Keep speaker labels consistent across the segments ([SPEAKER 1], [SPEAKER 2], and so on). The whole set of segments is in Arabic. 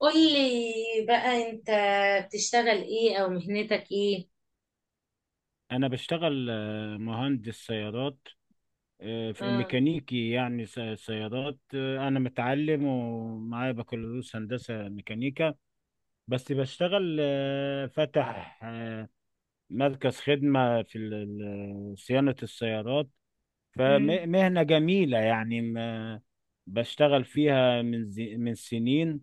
[SPEAKER 1] قولي بقى انت بتشتغل ايه او مهنتك ايه؟
[SPEAKER 2] انا بشتغل مهندس سيارات، آه، في
[SPEAKER 1] اه.
[SPEAKER 2] ميكانيكي يعني سيارات. انا متعلم ومعايا بكالوريوس هندسة ميكانيكا، بس بشتغل فاتح مركز خدمة في صيانة السيارات،
[SPEAKER 1] مم.
[SPEAKER 2] فمهنة جميلة يعني بشتغل فيها من من سنين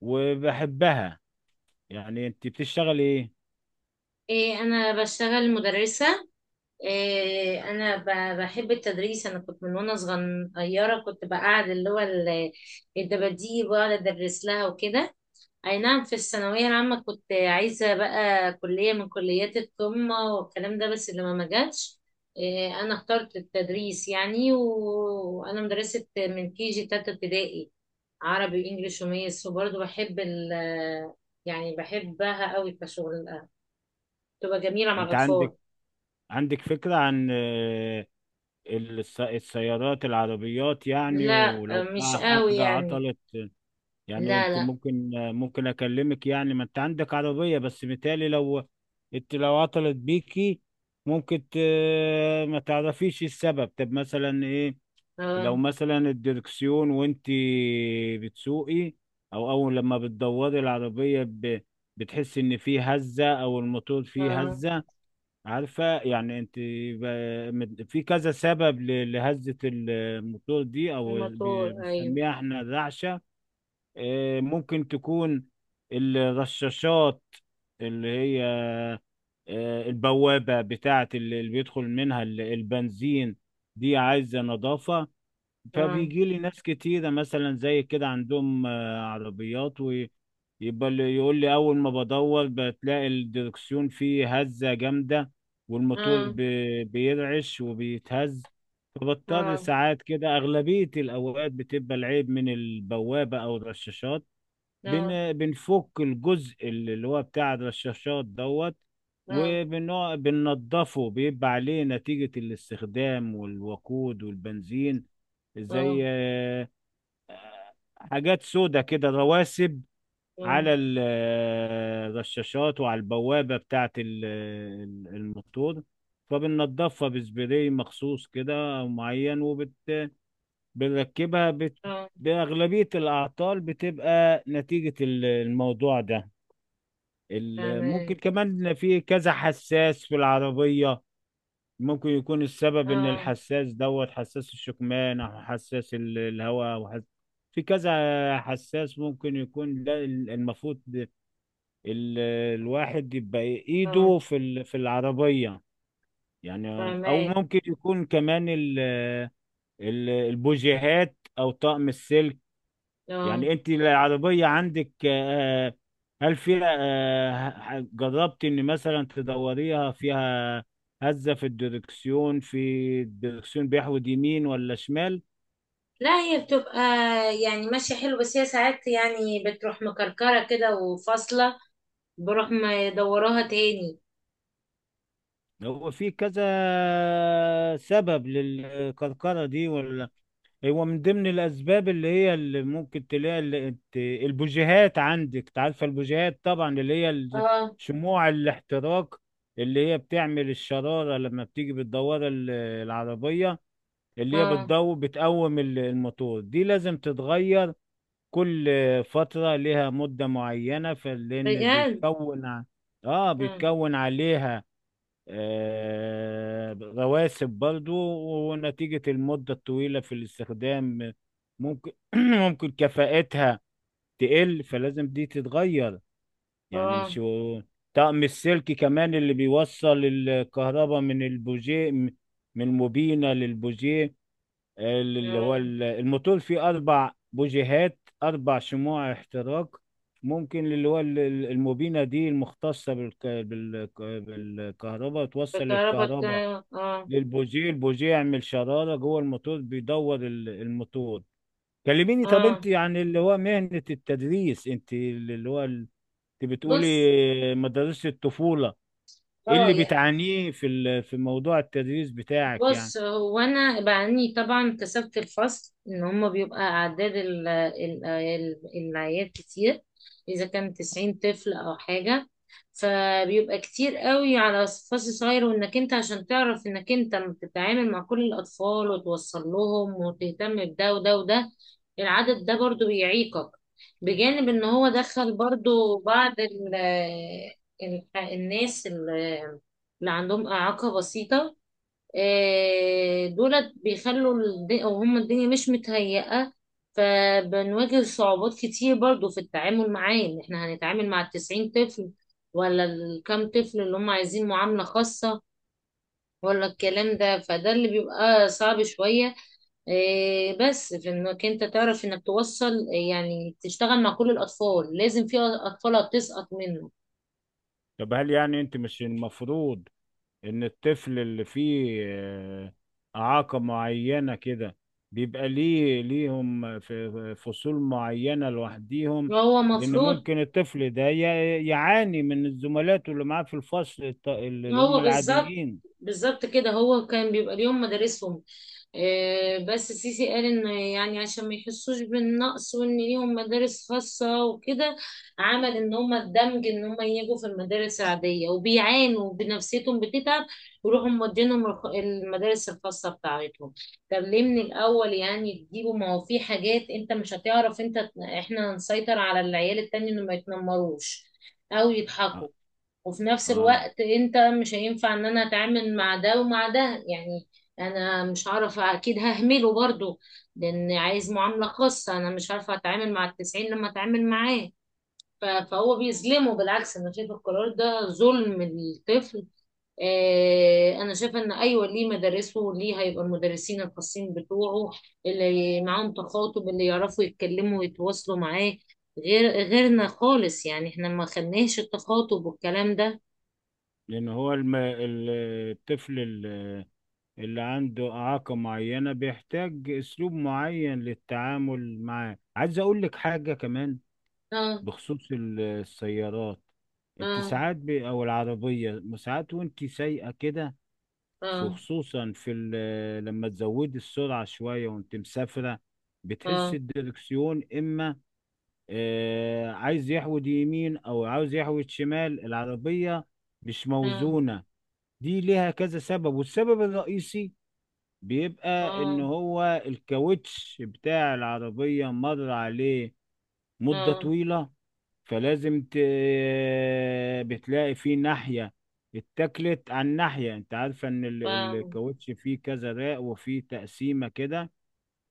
[SPEAKER 2] وبحبها. يعني انت بتشتغل ايه؟
[SPEAKER 1] إيه انا بشتغل مدرسة. إيه انا بحب التدريس. انا كنت من وانا صغيرة كنت بقعد اللي هو الدباديب واقعد ادرس لها وكده. اي نعم، في الثانوية العامة كنت عايزة بقى كلية من كليات القمة والكلام ده، بس اللي ما جاتش. إيه انا اخترت التدريس يعني، وانا مدرسة من كي جي تالتة ابتدائي، عربي وانجليش وميس، وبرضه بحب ال، يعني بحبها قوي كشغل، تبقى جميلة مع
[SPEAKER 2] انت
[SPEAKER 1] الأطفال.
[SPEAKER 2] عندك عندك فكرة عن السيارات، العربيات يعني،
[SPEAKER 1] لا
[SPEAKER 2] ولو
[SPEAKER 1] مش
[SPEAKER 2] بقى
[SPEAKER 1] قوي
[SPEAKER 2] حاجة
[SPEAKER 1] يعني.
[SPEAKER 2] عطلت؟ يعني
[SPEAKER 1] لا
[SPEAKER 2] انت
[SPEAKER 1] لا
[SPEAKER 2] ممكن اكلمك، يعني ما انت عندك عربية، بس متهيألي لو انت لو عطلت بيكي ممكن ما تعرفيش السبب. طب مثلا ايه؟ لو
[SPEAKER 1] اه.
[SPEAKER 2] مثلا الدركسيون وانت بتسوقي، او اول لما بتدوري العربية بتحس ان في هزة او الموتور فيه
[SPEAKER 1] اه.
[SPEAKER 2] هزة. عارفة يعني انت، في كذا سبب لهزة الموتور دي، او
[SPEAKER 1] الموتور أيوه.
[SPEAKER 2] بنسميها احنا الرعشة. اه، ممكن تكون الرشاشات، اللي هي اه، البوابة بتاعة اللي بيدخل منها البنزين، دي عايزة نظافة.
[SPEAKER 1] اه.
[SPEAKER 2] فبيجي لي ناس كتيرة مثلا زي كده عندهم عربيات، ويبقى اللي يقول لي أول ما بدور بتلاقي الدركسيون فيه هزة جامدة، والموتور
[SPEAKER 1] اه.
[SPEAKER 2] بيرعش وبيتهز. فبضطر
[SPEAKER 1] اه.
[SPEAKER 2] ساعات كده، أغلبية الأوقات بتبقى العيب من البوابة أو الرشاشات.
[SPEAKER 1] اه.
[SPEAKER 2] بنفك الجزء اللي هو بتاع الرشاشات دوت،
[SPEAKER 1] اه.
[SPEAKER 2] بننضفه، بيبقى عليه نتيجة الاستخدام والوقود والبنزين، زي
[SPEAKER 1] اه.
[SPEAKER 2] حاجات سودة كده رواسب
[SPEAKER 1] اه.
[SPEAKER 2] على الرشاشات وعلى البوابة بتاعة الموتور، فبننضفها بسبراي مخصوص كده أو معين وبنركبها.
[SPEAKER 1] اه.
[SPEAKER 2] بأغلبية الأعطال بتبقى نتيجة الموضوع ده. ممكن
[SPEAKER 1] فاهمك.
[SPEAKER 2] كمان في كذا حساس في العربية، ممكن يكون السبب ان
[SPEAKER 1] اه.
[SPEAKER 2] الحساس دوت، حساس الشكمان او حساس الهواء او في كذا حساس، ممكن يكون ده المفروض ال... الواحد يبقى
[SPEAKER 1] اه.
[SPEAKER 2] ايده في في العربية يعني. او
[SPEAKER 1] فاهمك.
[SPEAKER 2] ممكن يكون كمان البوجيهات او طقم السلك.
[SPEAKER 1] اه.
[SPEAKER 2] يعني انت العربية عندك هل فيها، جربت ان مثلا تدوريها فيها هزة في الدركسيون؟ في الدركسيون بيحود يمين ولا شمال؟
[SPEAKER 1] لا، هي بتبقى يعني ماشية حلو، بس هي ساعات يعني بتروح مكركرة كده وفاصلة، بروح مدوراها تاني.
[SPEAKER 2] هو في كذا سبب للكركرة دي، ولا هو من ضمن الأسباب اللي هي، اللي ممكن تلاقي اللي البوجيهات عندك. تعرف البوجيهات طبعا، اللي هي
[SPEAKER 1] اه.
[SPEAKER 2] شموع الاحتراق، اللي هي بتعمل الشرارة لما بتيجي بتدور العربية، اللي هي
[SPEAKER 1] اه.
[SPEAKER 2] بتضو بتقوم الموتور. دي لازم تتغير كل فترة، لها مدة معينة، فلأن
[SPEAKER 1] بجد.
[SPEAKER 2] بيتكون
[SPEAKER 1] اه.
[SPEAKER 2] بيتكون عليها رواسب برضو، ونتيجة المدة الطويلة في الاستخدام ممكن ممكن كفاءتها تقل، فلازم دي تتغير. يعني
[SPEAKER 1] اه.
[SPEAKER 2] مش هو- طقم السلك كمان اللي بيوصل الكهرباء من البوجيه، من الموبينة للبوجيه، اللي هو
[SPEAKER 1] آه.
[SPEAKER 2] الموتور فيه أربع بوجيهات، أربع شموع احتراق. ممكن اللي هو الموبينة دي المختصة بالكهرباء توصل الكهرباء
[SPEAKER 1] اه.
[SPEAKER 2] للبوجيه، البوجيه يعمل شرارة جوه الموتور، بيدور الموتور. كلميني، طب انت
[SPEAKER 1] اه.
[SPEAKER 2] عن اللي هو مهنة التدريس، انت اللي هو انت
[SPEAKER 1] بص،
[SPEAKER 2] بتقولي مدارس الطفولة، ايه
[SPEAKER 1] اه
[SPEAKER 2] اللي
[SPEAKER 1] يعني.
[SPEAKER 2] بتعانيه في في موضوع التدريس بتاعك يعني؟
[SPEAKER 1] بص، هو انا بعني طبعا كسبت الفصل ان هم بيبقى اعداد العيال كتير، اذا كان 90 طفل او حاجه، فبيبقى كتير قوي على فصل صغير. وانك انت عشان تعرف انك انت بتتعامل مع كل الاطفال وتوصل لهم وتهتم بده وده وده، العدد ده برضو بيعيقك. بجانب ان هو دخل برضو بعض ال- الناس اللي عندهم اعاقه بسيطه، دولت بيخلوا او هم الدنيا مش متهيئة، فبنواجه صعوبات كتير برضو في التعامل معاه. ان احنا هنتعامل مع التسعين طفل ولا الكام طفل اللي هم عايزين معاملة خاصة ولا الكلام ده، فده اللي بيبقى صعب شوية. إيه، بس في انك انت تعرف انك توصل، يعني تشتغل مع كل الاطفال، لازم في اطفال هتسقط منه.
[SPEAKER 2] طب هل يعني انت، مش المفروض ان الطفل اللي فيه اعاقة معينة كده بيبقى ليهم في فصول معينة لوحديهم؟
[SPEAKER 1] هو
[SPEAKER 2] لان
[SPEAKER 1] مفروض.
[SPEAKER 2] ممكن الطفل ده يعاني من الزملاء اللي معاه في الفصل، اللي هم
[SPEAKER 1] هو بالظبط،
[SPEAKER 2] العاديين.
[SPEAKER 1] بالظبط كده، هو كان بيبقى ليهم مدارسهم. آه، بس سيسي قال ان يعني عشان ما يحسوش بالنقص وان ليهم مدارس خاصة وكده، عمل ان هم الدمج ان هم يجوا في المدارس العادية، وبيعانوا بنفسيتهم بتتعب، يروحوا مودينهم المدارس الخاصة بتاعتهم. طب ليه من الاول يعني تجيبوا؟ ما هو في حاجات انت مش هتعرف انت، احنا هنسيطر على العيال التاني انه ما يتنمروش او يضحكوا.
[SPEAKER 2] اه.
[SPEAKER 1] وفي نفس
[SPEAKER 2] آه.
[SPEAKER 1] الوقت انت مش هينفع ان انا اتعامل مع ده ومع ده يعني، انا مش هعرف، اكيد ههمله برضو لان عايز معاملة خاصة، انا مش عارفة اتعامل مع التسعين لما اتعامل معاه. فهو بيظلمه، بالعكس، انا شايفة القرار ده ظلم للطفل. آه، انا شايفه ان ايوه ليه مدارسه وليه هيبقى المدرسين الخاصين بتوعه اللي معاهم تخاطب، اللي يعرفوا يتكلموا ويتواصلوا معاه. غير غيرنا خالص يعني، احنا ما خدناش التخاطب والكلام ده.
[SPEAKER 2] لان هو الطفل اللي عنده اعاقة معينة بيحتاج اسلوب معين للتعامل معاه. عايز اقول لك حاجة كمان
[SPEAKER 1] اه.
[SPEAKER 2] بخصوص السيارات. انت
[SPEAKER 1] اه.
[SPEAKER 2] ساعات او العربية ساعات وانت سايقة كده،
[SPEAKER 1] اه.
[SPEAKER 2] خصوصا في لما تزودي السرعة شوية وانت مسافرة، بتحس
[SPEAKER 1] اه.
[SPEAKER 2] الدركسيون اما آه عايز يحود يمين او عاوز يحود شمال، العربية مش
[SPEAKER 1] اه.
[SPEAKER 2] موزونة. دي ليها كذا سبب، والسبب الرئيسي بيبقى ان
[SPEAKER 1] اه.
[SPEAKER 2] هو الكاوتش بتاع العربية مر عليه مدة
[SPEAKER 1] اه.
[SPEAKER 2] طويلة، فلازم بتلاقي في ناحية اتكلت عن ناحية. انت عارفة ان
[SPEAKER 1] فاهم.
[SPEAKER 2] الكاوتش فيه كذا راق، وفيه تقسيمة كده،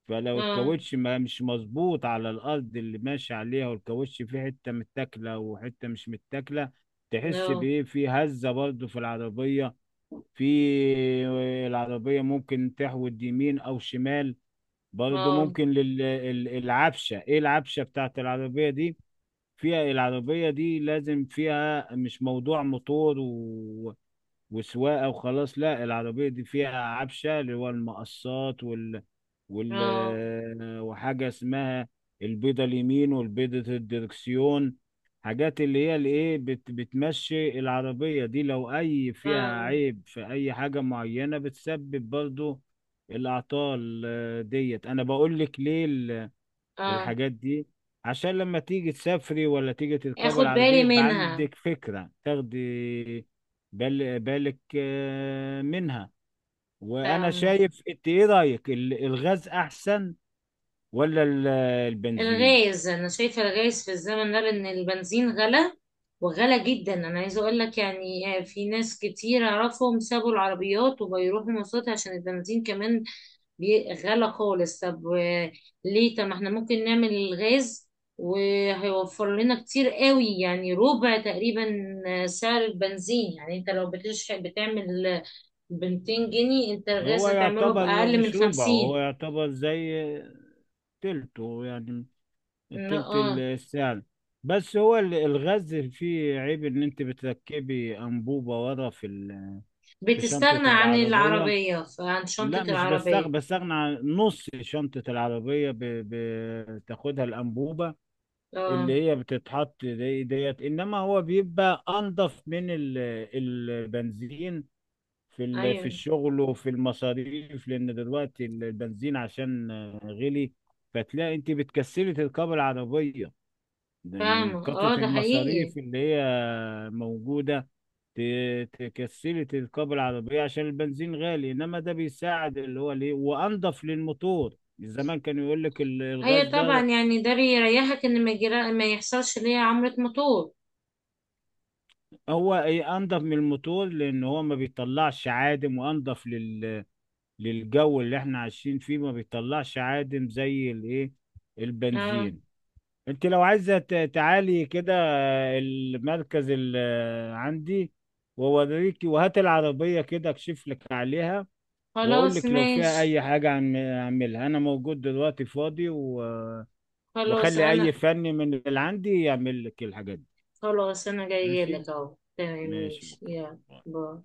[SPEAKER 2] فلو
[SPEAKER 1] اه.
[SPEAKER 2] الكاوتش ما مش مظبوط على الارض اللي ماشي عليها، والكاوتش فيه حتة متاكلة وحتة مش متاكلة،
[SPEAKER 1] نو.
[SPEAKER 2] تحس بايه، في هزة برضو في العربية. في العربية ممكن تحود يمين او شمال برضو،
[SPEAKER 1] اه.
[SPEAKER 2] ممكن للعفشة. ايه العفشة بتاعت العربية دي فيها؟ العربية دي لازم فيها، مش موضوع موتور وسواقة وخلاص. لا، العربية دي فيها عفشة، اللي هو المقصات وال...
[SPEAKER 1] اه.
[SPEAKER 2] وحاجة اسمها البيضة اليمين والبيضة الدركسيون، حاجات اللي هي الايه بتمشي العربية دي، لو اي فيها
[SPEAKER 1] فاهم.
[SPEAKER 2] عيب في اي حاجة معينة بتسبب برضو الأعطال ديت. أنا بقول لك ليه
[SPEAKER 1] اه
[SPEAKER 2] الحاجات دي، عشان لما تيجي تسافري ولا تيجي تركبي
[SPEAKER 1] اخد
[SPEAKER 2] العربية
[SPEAKER 1] بالي
[SPEAKER 2] يبقى
[SPEAKER 1] منها.
[SPEAKER 2] عندك فكرة، تاخدي بالك منها. وأنا
[SPEAKER 1] فاهم.
[SPEAKER 2] شايف، أنت إيه رأيك، الغاز أحسن ولا البنزين؟
[SPEAKER 1] الغاز، انا شايفه الغاز في الزمن ده، لان البنزين غلى وغلى جدا. انا عايزه اقول لك يعني آه، في ناس كتير اعرفهم سابوا العربيات وبيروحوا مواصلات عشان البنزين كمان غلا خالص. طب آه، ليه طب ما احنا ممكن نعمل الغاز، وهيوفر لنا كتير قوي، يعني ربع تقريبا آه، سعر البنزين. يعني انت لو بتشحن بتعمل آه، ب 200 جنيه، انت الغاز
[SPEAKER 2] هو
[SPEAKER 1] هتعمله
[SPEAKER 2] يعتبر
[SPEAKER 1] بأقل من
[SPEAKER 2] مش ربعه، هو
[SPEAKER 1] 50.
[SPEAKER 2] يعتبر زي تلته يعني، تلت
[SPEAKER 1] اه
[SPEAKER 2] السعر. بس هو الغاز فيه عيب، ان انت بتركبي انبوبة ورا في في شنطة
[SPEAKER 1] بتستغنى عن
[SPEAKER 2] العربية.
[SPEAKER 1] العربية عن شنطة
[SPEAKER 2] لا، مش
[SPEAKER 1] العربية.
[SPEAKER 2] بستغنى عن نص شنطة العربية، بتاخدها الأنبوبة
[SPEAKER 1] اه.
[SPEAKER 2] اللي هي بتتحط دي ديت، إنما هو بيبقى أنضف من البنزين في في
[SPEAKER 1] ايوه
[SPEAKER 2] الشغل وفي المصاريف، لأن دلوقتي البنزين عشان غلي، فتلاقي أنت بتكسري تركبي العربية، ده من
[SPEAKER 1] فاهمة.
[SPEAKER 2] كترة
[SPEAKER 1] اه ده حقيقي.
[SPEAKER 2] المصاريف اللي هي موجودة. تكسري تركب العربية عشان البنزين غالي، إنما ده بيساعد اللي هو ليه، وأنضف للموتور. زمان كان يقول لك الغاز
[SPEAKER 1] ايوه طبعا،
[SPEAKER 2] ده
[SPEAKER 1] يعني ده بيريحك ان ما يحصلش ليا عمرة موتور.
[SPEAKER 2] هو ايه انضف من الموتور، لان هو ما بيطلعش عادم، وانضف للجو اللي احنا عايشين فيه، ما بيطلعش عادم زي الايه
[SPEAKER 1] اه.
[SPEAKER 2] البنزين. انت لو عايزة تعالي كده المركز اللي عندي، ووريكي، وهات العربية كده اكشف لك عليها، واقول
[SPEAKER 1] خلاص
[SPEAKER 2] لك لو فيها
[SPEAKER 1] ماشي.
[SPEAKER 2] اي حاجه اعملها، انا موجود دلوقتي فاضي
[SPEAKER 1] خلاص
[SPEAKER 2] واخلي اي
[SPEAKER 1] انا.
[SPEAKER 2] فني من اللي عندي يعمل لك الحاجات دي.
[SPEAKER 1] خلاص انا جايه
[SPEAKER 2] ماشي،
[SPEAKER 1] لك اهو، تمام،
[SPEAKER 2] ماشي،
[SPEAKER 1] ماشي،
[SPEAKER 2] اوكي.
[SPEAKER 1] يلا. باي.